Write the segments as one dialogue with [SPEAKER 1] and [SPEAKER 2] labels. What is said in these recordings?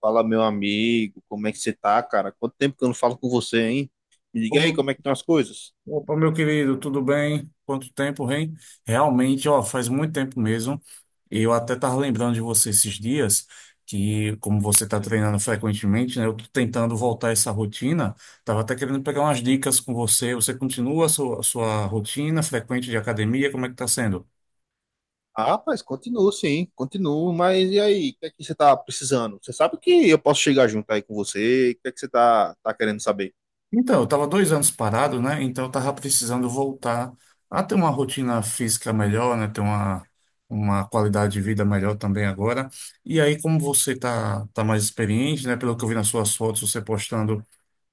[SPEAKER 1] Fala, meu amigo, como é que você tá, cara? Quanto tempo que eu não falo com você, hein? Me diga aí
[SPEAKER 2] Opa,
[SPEAKER 1] como é que estão as coisas.
[SPEAKER 2] opa, meu querido, tudo bem? Quanto tempo, hein? Realmente, ó, faz muito tempo mesmo. Eu até estava lembrando de você esses dias, que como você está
[SPEAKER 1] Sim.
[SPEAKER 2] treinando frequentemente, né? Eu tô tentando voltar essa rotina. Estava até querendo pegar umas dicas com você. Você continua a sua rotina frequente de academia? Como é que está sendo?
[SPEAKER 1] Ah, rapaz, continuo, sim, continuo, mas e aí, o que é que você tá precisando? Você sabe que eu posso chegar junto aí com você, o que é que você tá querendo saber?
[SPEAKER 2] Então, eu estava 2 anos parado, né? Então, eu estava precisando voltar a ter uma rotina física melhor, né? Ter uma qualidade de vida melhor também agora. E aí, como você tá mais experiente, né? Pelo que eu vi nas suas fotos, você postando,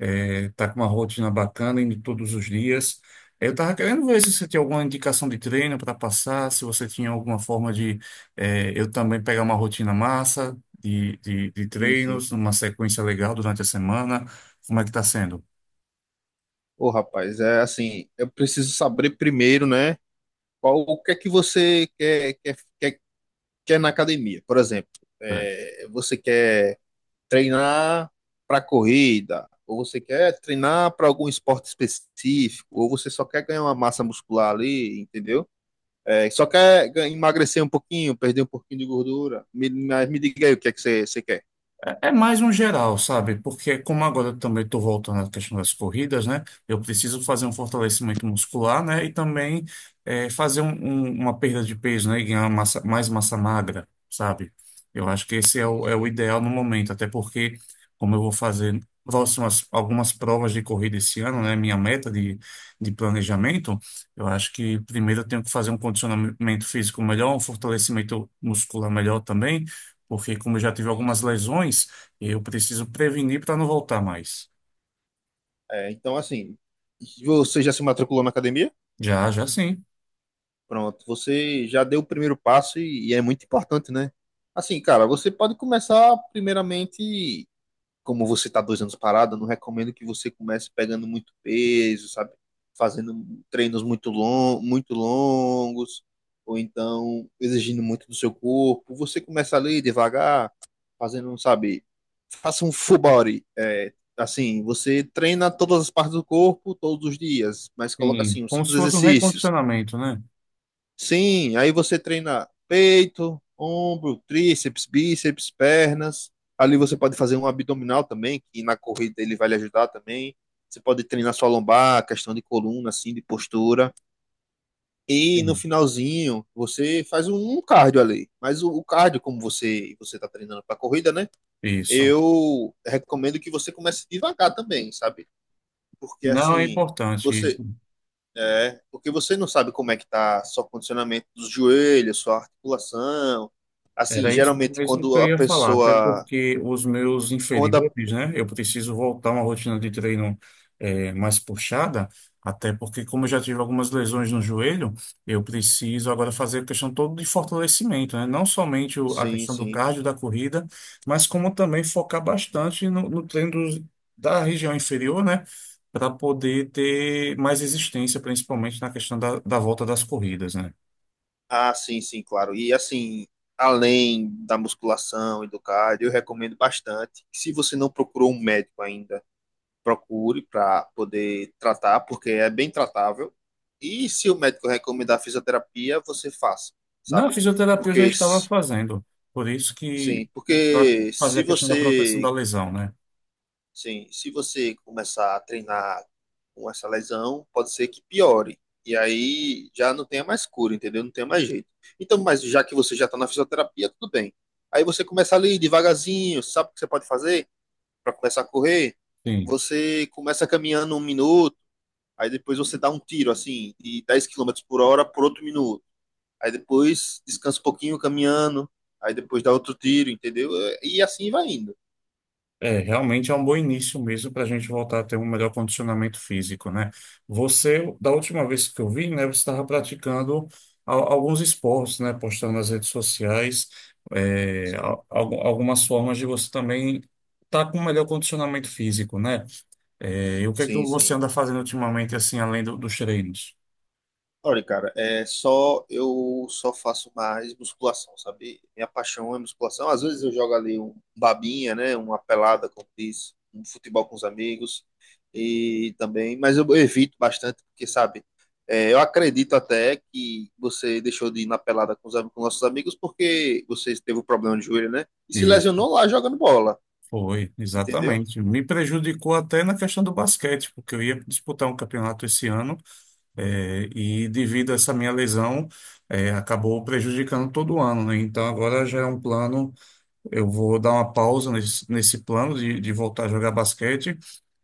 [SPEAKER 2] tá com uma rotina bacana indo todos os dias. Eu estava querendo ver se você tinha alguma indicação de treino para passar, se você tinha alguma forma de, eu também pegar uma rotina massa de
[SPEAKER 1] Sim, sim.
[SPEAKER 2] treinos, uma sequência legal durante a semana. Como é que está sendo?
[SPEAKER 1] Ô, rapaz, é assim, eu preciso saber primeiro, né? Qual, o que é que você quer na academia? Por exemplo, é, você quer treinar para corrida, ou você quer treinar para algum esporte específico, ou você só quer ganhar uma massa muscular ali, entendeu? É, emagrecer um pouquinho, perder um pouquinho de gordura. Mas me diga aí o que é que você quer.
[SPEAKER 2] É mais um geral, sabe? Porque como agora eu também estou voltando à questão das corridas, né? Eu preciso fazer um fortalecimento muscular, né? E também fazer uma perda de peso, né? E ganhar mais massa magra, sabe? Eu acho que esse é
[SPEAKER 1] Sim,
[SPEAKER 2] o, é o
[SPEAKER 1] sim,
[SPEAKER 2] ideal no momento, até porque como eu vou fazer próximas, algumas provas de corrida esse ano, né? Minha meta de planejamento, eu acho que primeiro eu tenho que fazer um condicionamento físico melhor, um fortalecimento muscular melhor também porque como eu já tive
[SPEAKER 1] sim,
[SPEAKER 2] algumas
[SPEAKER 1] sim.
[SPEAKER 2] lesões, eu preciso prevenir para não voltar mais.
[SPEAKER 1] É, então, assim, você já se matriculou na academia?
[SPEAKER 2] Já, já sim.
[SPEAKER 1] Pronto, você já deu o primeiro passo e é muito importante, né? Assim, cara, você pode começar primeiramente, como você está 2 anos parado, eu não recomendo que você comece pegando muito peso, sabe? Fazendo treinos muito longos, ou então exigindo muito do seu corpo. Você começa ali devagar, fazendo, sabe? Faça um full body. É, assim, você treina todas as partes do corpo todos os dias, mas coloca
[SPEAKER 2] Sim,
[SPEAKER 1] assim, uns
[SPEAKER 2] como
[SPEAKER 1] cinco
[SPEAKER 2] se fosse um
[SPEAKER 1] exercícios.
[SPEAKER 2] recondicionamento, né?
[SPEAKER 1] Sim, aí você treina peito, ombro, tríceps, bíceps, pernas. Ali você pode fazer um abdominal também, que na corrida ele vai lhe ajudar também. Você pode treinar sua lombar, questão de coluna, assim, de postura. E no
[SPEAKER 2] Sim.
[SPEAKER 1] finalzinho, você faz um cardio ali. Mas o cardio, como você está treinando para corrida, né?
[SPEAKER 2] Isso.
[SPEAKER 1] Eu recomendo que você comece devagar também, sabe? Porque
[SPEAKER 2] Não é
[SPEAKER 1] assim,
[SPEAKER 2] importante.
[SPEAKER 1] você porque você não sabe como é que tá seu condicionamento dos joelhos, sua articulação. Assim,
[SPEAKER 2] Era isso
[SPEAKER 1] geralmente
[SPEAKER 2] mesmo que
[SPEAKER 1] quando
[SPEAKER 2] eu
[SPEAKER 1] a
[SPEAKER 2] ia falar, até
[SPEAKER 1] pessoa,
[SPEAKER 2] porque os meus
[SPEAKER 1] quando a,
[SPEAKER 2] inferiores, né? Eu preciso voltar a uma rotina de treino mais puxada, até porque, como eu já tive algumas lesões no joelho, eu preciso agora fazer a questão toda de fortalecimento, né? Não somente a
[SPEAKER 1] sim,
[SPEAKER 2] questão do
[SPEAKER 1] sim.
[SPEAKER 2] cardio, da corrida, mas como também focar bastante no treino da região inferior, né? Para poder ter mais resistência, principalmente na questão da volta das corridas, né?
[SPEAKER 1] Ah, sim, sim, claro. E assim, além da musculação e do cardio, eu recomendo bastante. Se você não procurou um médico ainda, procure para poder tratar, porque é bem tratável. E se o médico recomendar fisioterapia, você faça,
[SPEAKER 2] Na
[SPEAKER 1] sabe?
[SPEAKER 2] fisioterapia eu
[SPEAKER 1] Porque
[SPEAKER 2] já estava fazendo, por isso que
[SPEAKER 1] sim,
[SPEAKER 2] para
[SPEAKER 1] porque
[SPEAKER 2] fazer
[SPEAKER 1] se
[SPEAKER 2] a questão da proteção da
[SPEAKER 1] você.
[SPEAKER 2] lesão, né?
[SPEAKER 1] Sim, se você começar a treinar com essa lesão, pode ser que piore. E aí já não tenha mais cura, entendeu? Não tenha mais jeito. Então, mas já que você já está na fisioterapia, tudo bem. Aí você começa ali devagarzinho. Sabe o que você pode fazer para começar a correr?
[SPEAKER 2] Sim.
[SPEAKER 1] Você começa caminhando 1 minuto, aí depois você dá um tiro assim, de 10 quilômetros por hora por outro minuto. Aí depois descansa um pouquinho caminhando, aí depois dá outro tiro, entendeu? E assim vai indo.
[SPEAKER 2] É, realmente é um bom início mesmo para a gente voltar a ter um melhor condicionamento físico, né? Você, da última vez que eu vi, né, você estava praticando alguns esportes, né? Postando nas redes sociais, é,
[SPEAKER 1] Sim,
[SPEAKER 2] algumas formas de você também estar com um melhor condicionamento físico, né? É, e o que é que
[SPEAKER 1] sim,
[SPEAKER 2] você
[SPEAKER 1] sim.
[SPEAKER 2] anda fazendo ultimamente, assim, além dos treinos?
[SPEAKER 1] Olha, cara, é só eu só faço mais musculação, sabe? Minha paixão é musculação. Às vezes eu jogo ali um babinha, né? Uma pelada, como diz, um futebol com os amigos, e também, mas eu evito bastante porque, sabe, é, eu acredito até que você deixou de ir na pelada com com nossos amigos porque você teve um problema de joelho, né? E se lesionou lá jogando bola,
[SPEAKER 2] Foi,
[SPEAKER 1] entendeu?
[SPEAKER 2] exatamente. Me prejudicou até na questão do basquete, porque eu ia disputar um campeonato esse ano, e devido a essa minha lesão, acabou prejudicando todo ano, né? Então agora já é um plano. Eu vou dar uma pausa nesse plano de voltar a jogar basquete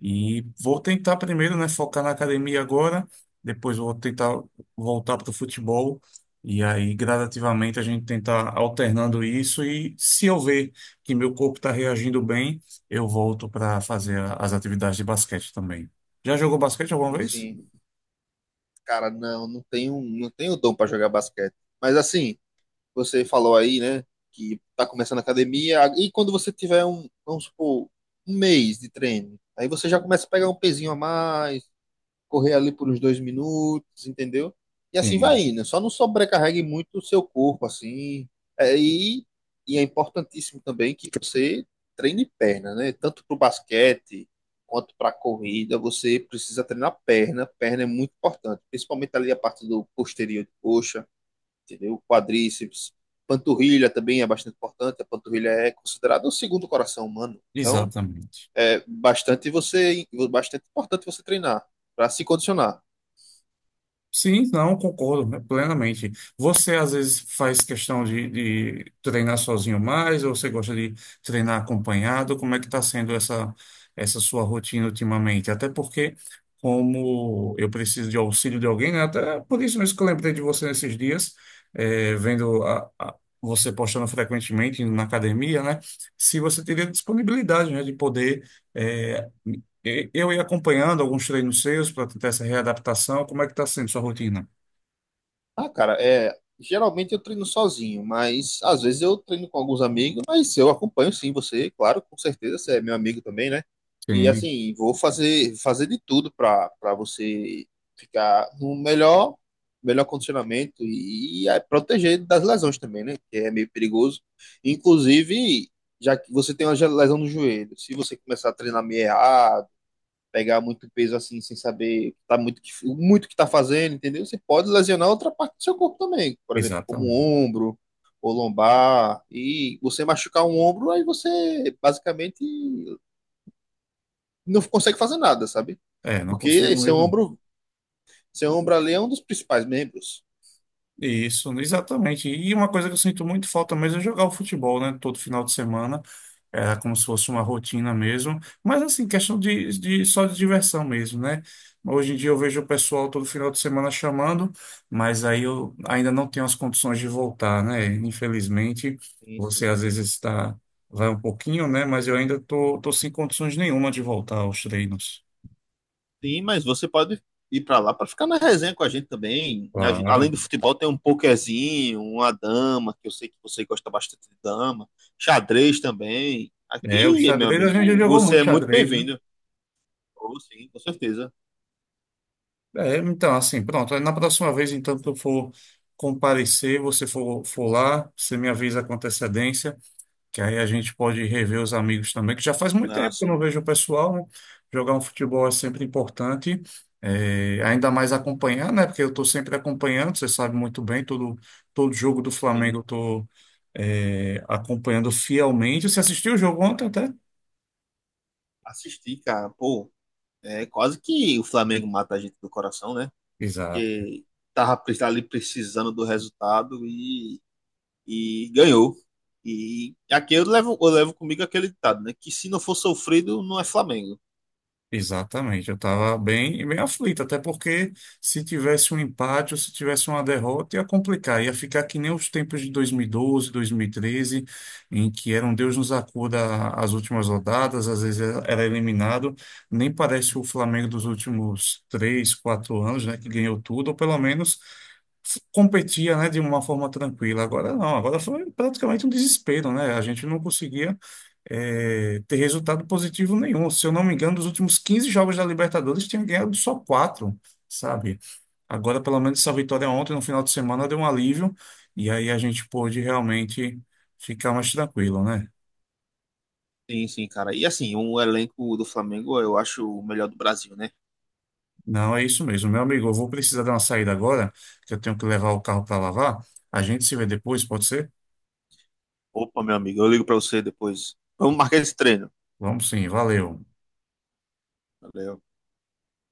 [SPEAKER 2] e vou tentar primeiro, né, focar na academia agora, depois vou tentar voltar para o futebol e aí gradativamente a gente tentar alternando isso e se eu ver que meu corpo está reagindo bem, eu volto para fazer as atividades de basquete também. Já jogou basquete alguma
[SPEAKER 1] Sim,
[SPEAKER 2] vez?
[SPEAKER 1] sim. Cara, não, não tenho, não tenho dom para jogar basquete. Mas assim, você falou aí, né? Que tá começando a academia. E quando você tiver um, vamos supor, 1 mês de treino, aí você já começa a pegar um pezinho a mais, correr ali por uns 2 minutos, entendeu? E assim vai
[SPEAKER 2] Sim,
[SPEAKER 1] indo. Só não sobrecarregue muito o seu corpo, assim. É, e é importantíssimo também que você treine perna, né? Tanto pro basquete quanto para corrida, você precisa treinar perna. Perna é muito importante, principalmente ali a parte do posterior de coxa, entendeu? Quadríceps, panturrilha também é bastante importante. A panturrilha é considerada o segundo coração humano. Então,
[SPEAKER 2] exatamente.
[SPEAKER 1] é bastante você, bastante importante você treinar para se condicionar.
[SPEAKER 2] Sim, não, concordo, né, plenamente. Você às vezes faz questão de treinar sozinho mais, ou você gosta de treinar acompanhado? Como é que está sendo essa sua rotina ultimamente? Até porque, como eu preciso de auxílio de alguém, né, até por isso mesmo que eu lembrei de você nesses dias, vendo você postando frequentemente na academia, né? Se você teria disponibilidade, né, de poder. eh, Eu ia acompanhando alguns treinos seus para tentar essa readaptação. Como é que está sendo sua rotina?
[SPEAKER 1] Ah, cara, é, geralmente eu treino sozinho, mas às vezes eu treino com alguns amigos, mas eu acompanho sim você, claro, com certeza você é meu amigo também, né? E
[SPEAKER 2] Sim,
[SPEAKER 1] assim, vou fazer de tudo para você ficar no melhor, condicionamento e proteger das lesões também, né? Que é meio perigoso. Inclusive, já que você tem uma lesão no joelho, se você começar a treinar meio errado, pegar muito peso assim, sem saber tá muito, muito que tá fazendo, entendeu? Você pode lesionar outra parte do seu corpo também, por exemplo, como o
[SPEAKER 2] exatamente.
[SPEAKER 1] ombro ou lombar, e você machucar um ombro, aí você basicamente não consegue fazer nada, sabe?
[SPEAKER 2] É, não
[SPEAKER 1] Porque
[SPEAKER 2] consigo
[SPEAKER 1] seu
[SPEAKER 2] mesmo.
[SPEAKER 1] ombro, seu ombro ali é um dos principais membros.
[SPEAKER 2] Isso, exatamente. E uma coisa que eu sinto muito falta mesmo é jogar o futebol, né? Todo final de semana. Era como se fosse uma rotina mesmo. Mas assim, questão de só de diversão mesmo, né? Hoje em dia eu vejo o pessoal todo final de semana chamando, mas aí eu ainda não tenho as condições de voltar, né? Infelizmente,
[SPEAKER 1] Sim,
[SPEAKER 2] você
[SPEAKER 1] sim.
[SPEAKER 2] às vezes está, vai um pouquinho, né? Mas eu ainda tô sem condições nenhuma de voltar aos treinos.
[SPEAKER 1] Sim, mas você pode ir para lá para ficar na resenha com a gente também. A gente, além
[SPEAKER 2] Claro.
[SPEAKER 1] do futebol, tem um pokerzinho, uma dama, que eu sei que você gosta bastante de dama, xadrez também.
[SPEAKER 2] É, o
[SPEAKER 1] Aqui, meu
[SPEAKER 2] xadrez a gente já
[SPEAKER 1] amigo,
[SPEAKER 2] jogou
[SPEAKER 1] você
[SPEAKER 2] muito
[SPEAKER 1] é muito
[SPEAKER 2] xadrez, né?
[SPEAKER 1] bem-vindo. Oh, sim, com certeza.
[SPEAKER 2] É, então, assim, pronto. Aí na próxima vez, então, que eu for comparecer, você for, for lá, você me avisa com antecedência, que aí a gente pode rever os amigos também, que já faz muito
[SPEAKER 1] Ah,
[SPEAKER 2] tempo que eu não
[SPEAKER 1] sim,
[SPEAKER 2] vejo o pessoal, né? Jogar um futebol é sempre importante, é, ainda mais acompanhar, né? Porque eu estou sempre acompanhando, você sabe muito bem, todo, todo jogo do Flamengo eu
[SPEAKER 1] sim.
[SPEAKER 2] estou, acompanhando fielmente. Você assistiu o jogo ontem até?
[SPEAKER 1] Assistir, cara, pô, é quase que o Flamengo mata a gente do coração, né?
[SPEAKER 2] Exato.
[SPEAKER 1] Porque tava ali precisando do resultado e ganhou. E aqui eu levo comigo aquele ditado, né? Que se não for sofrido, não é Flamengo.
[SPEAKER 2] Exatamente, eu estava bem, bem aflito, até porque se tivesse um empate ou se tivesse uma derrota ia complicar, ia ficar que nem os tempos de 2012, 2013, em que era um Deus nos acuda as últimas rodadas, às vezes era eliminado, nem parece o Flamengo dos últimos 3, 4 anos, né, que ganhou tudo, ou pelo menos competia, né, de uma forma tranquila. Agora não, agora foi praticamente um desespero, né? A gente não conseguia ter resultado positivo nenhum. Se eu não me engano, dos últimos 15 jogos da Libertadores, tinha ganhado só quatro, sabe? Agora, pelo menos, essa vitória ontem, no final de semana, deu um alívio, e aí a gente pôde realmente ficar mais tranquilo, né?
[SPEAKER 1] Sim, sim, cara. E assim, o elenco do Flamengo eu acho o melhor do Brasil, né?
[SPEAKER 2] Não, é isso mesmo. Meu amigo, eu vou precisar dar uma saída agora, que eu tenho que levar o carro para lavar. A gente se vê depois, pode ser?
[SPEAKER 1] Opa, meu amigo, eu ligo pra você depois. Vamos marcar esse treino.
[SPEAKER 2] Vamos sim, valeu.
[SPEAKER 1] Valeu.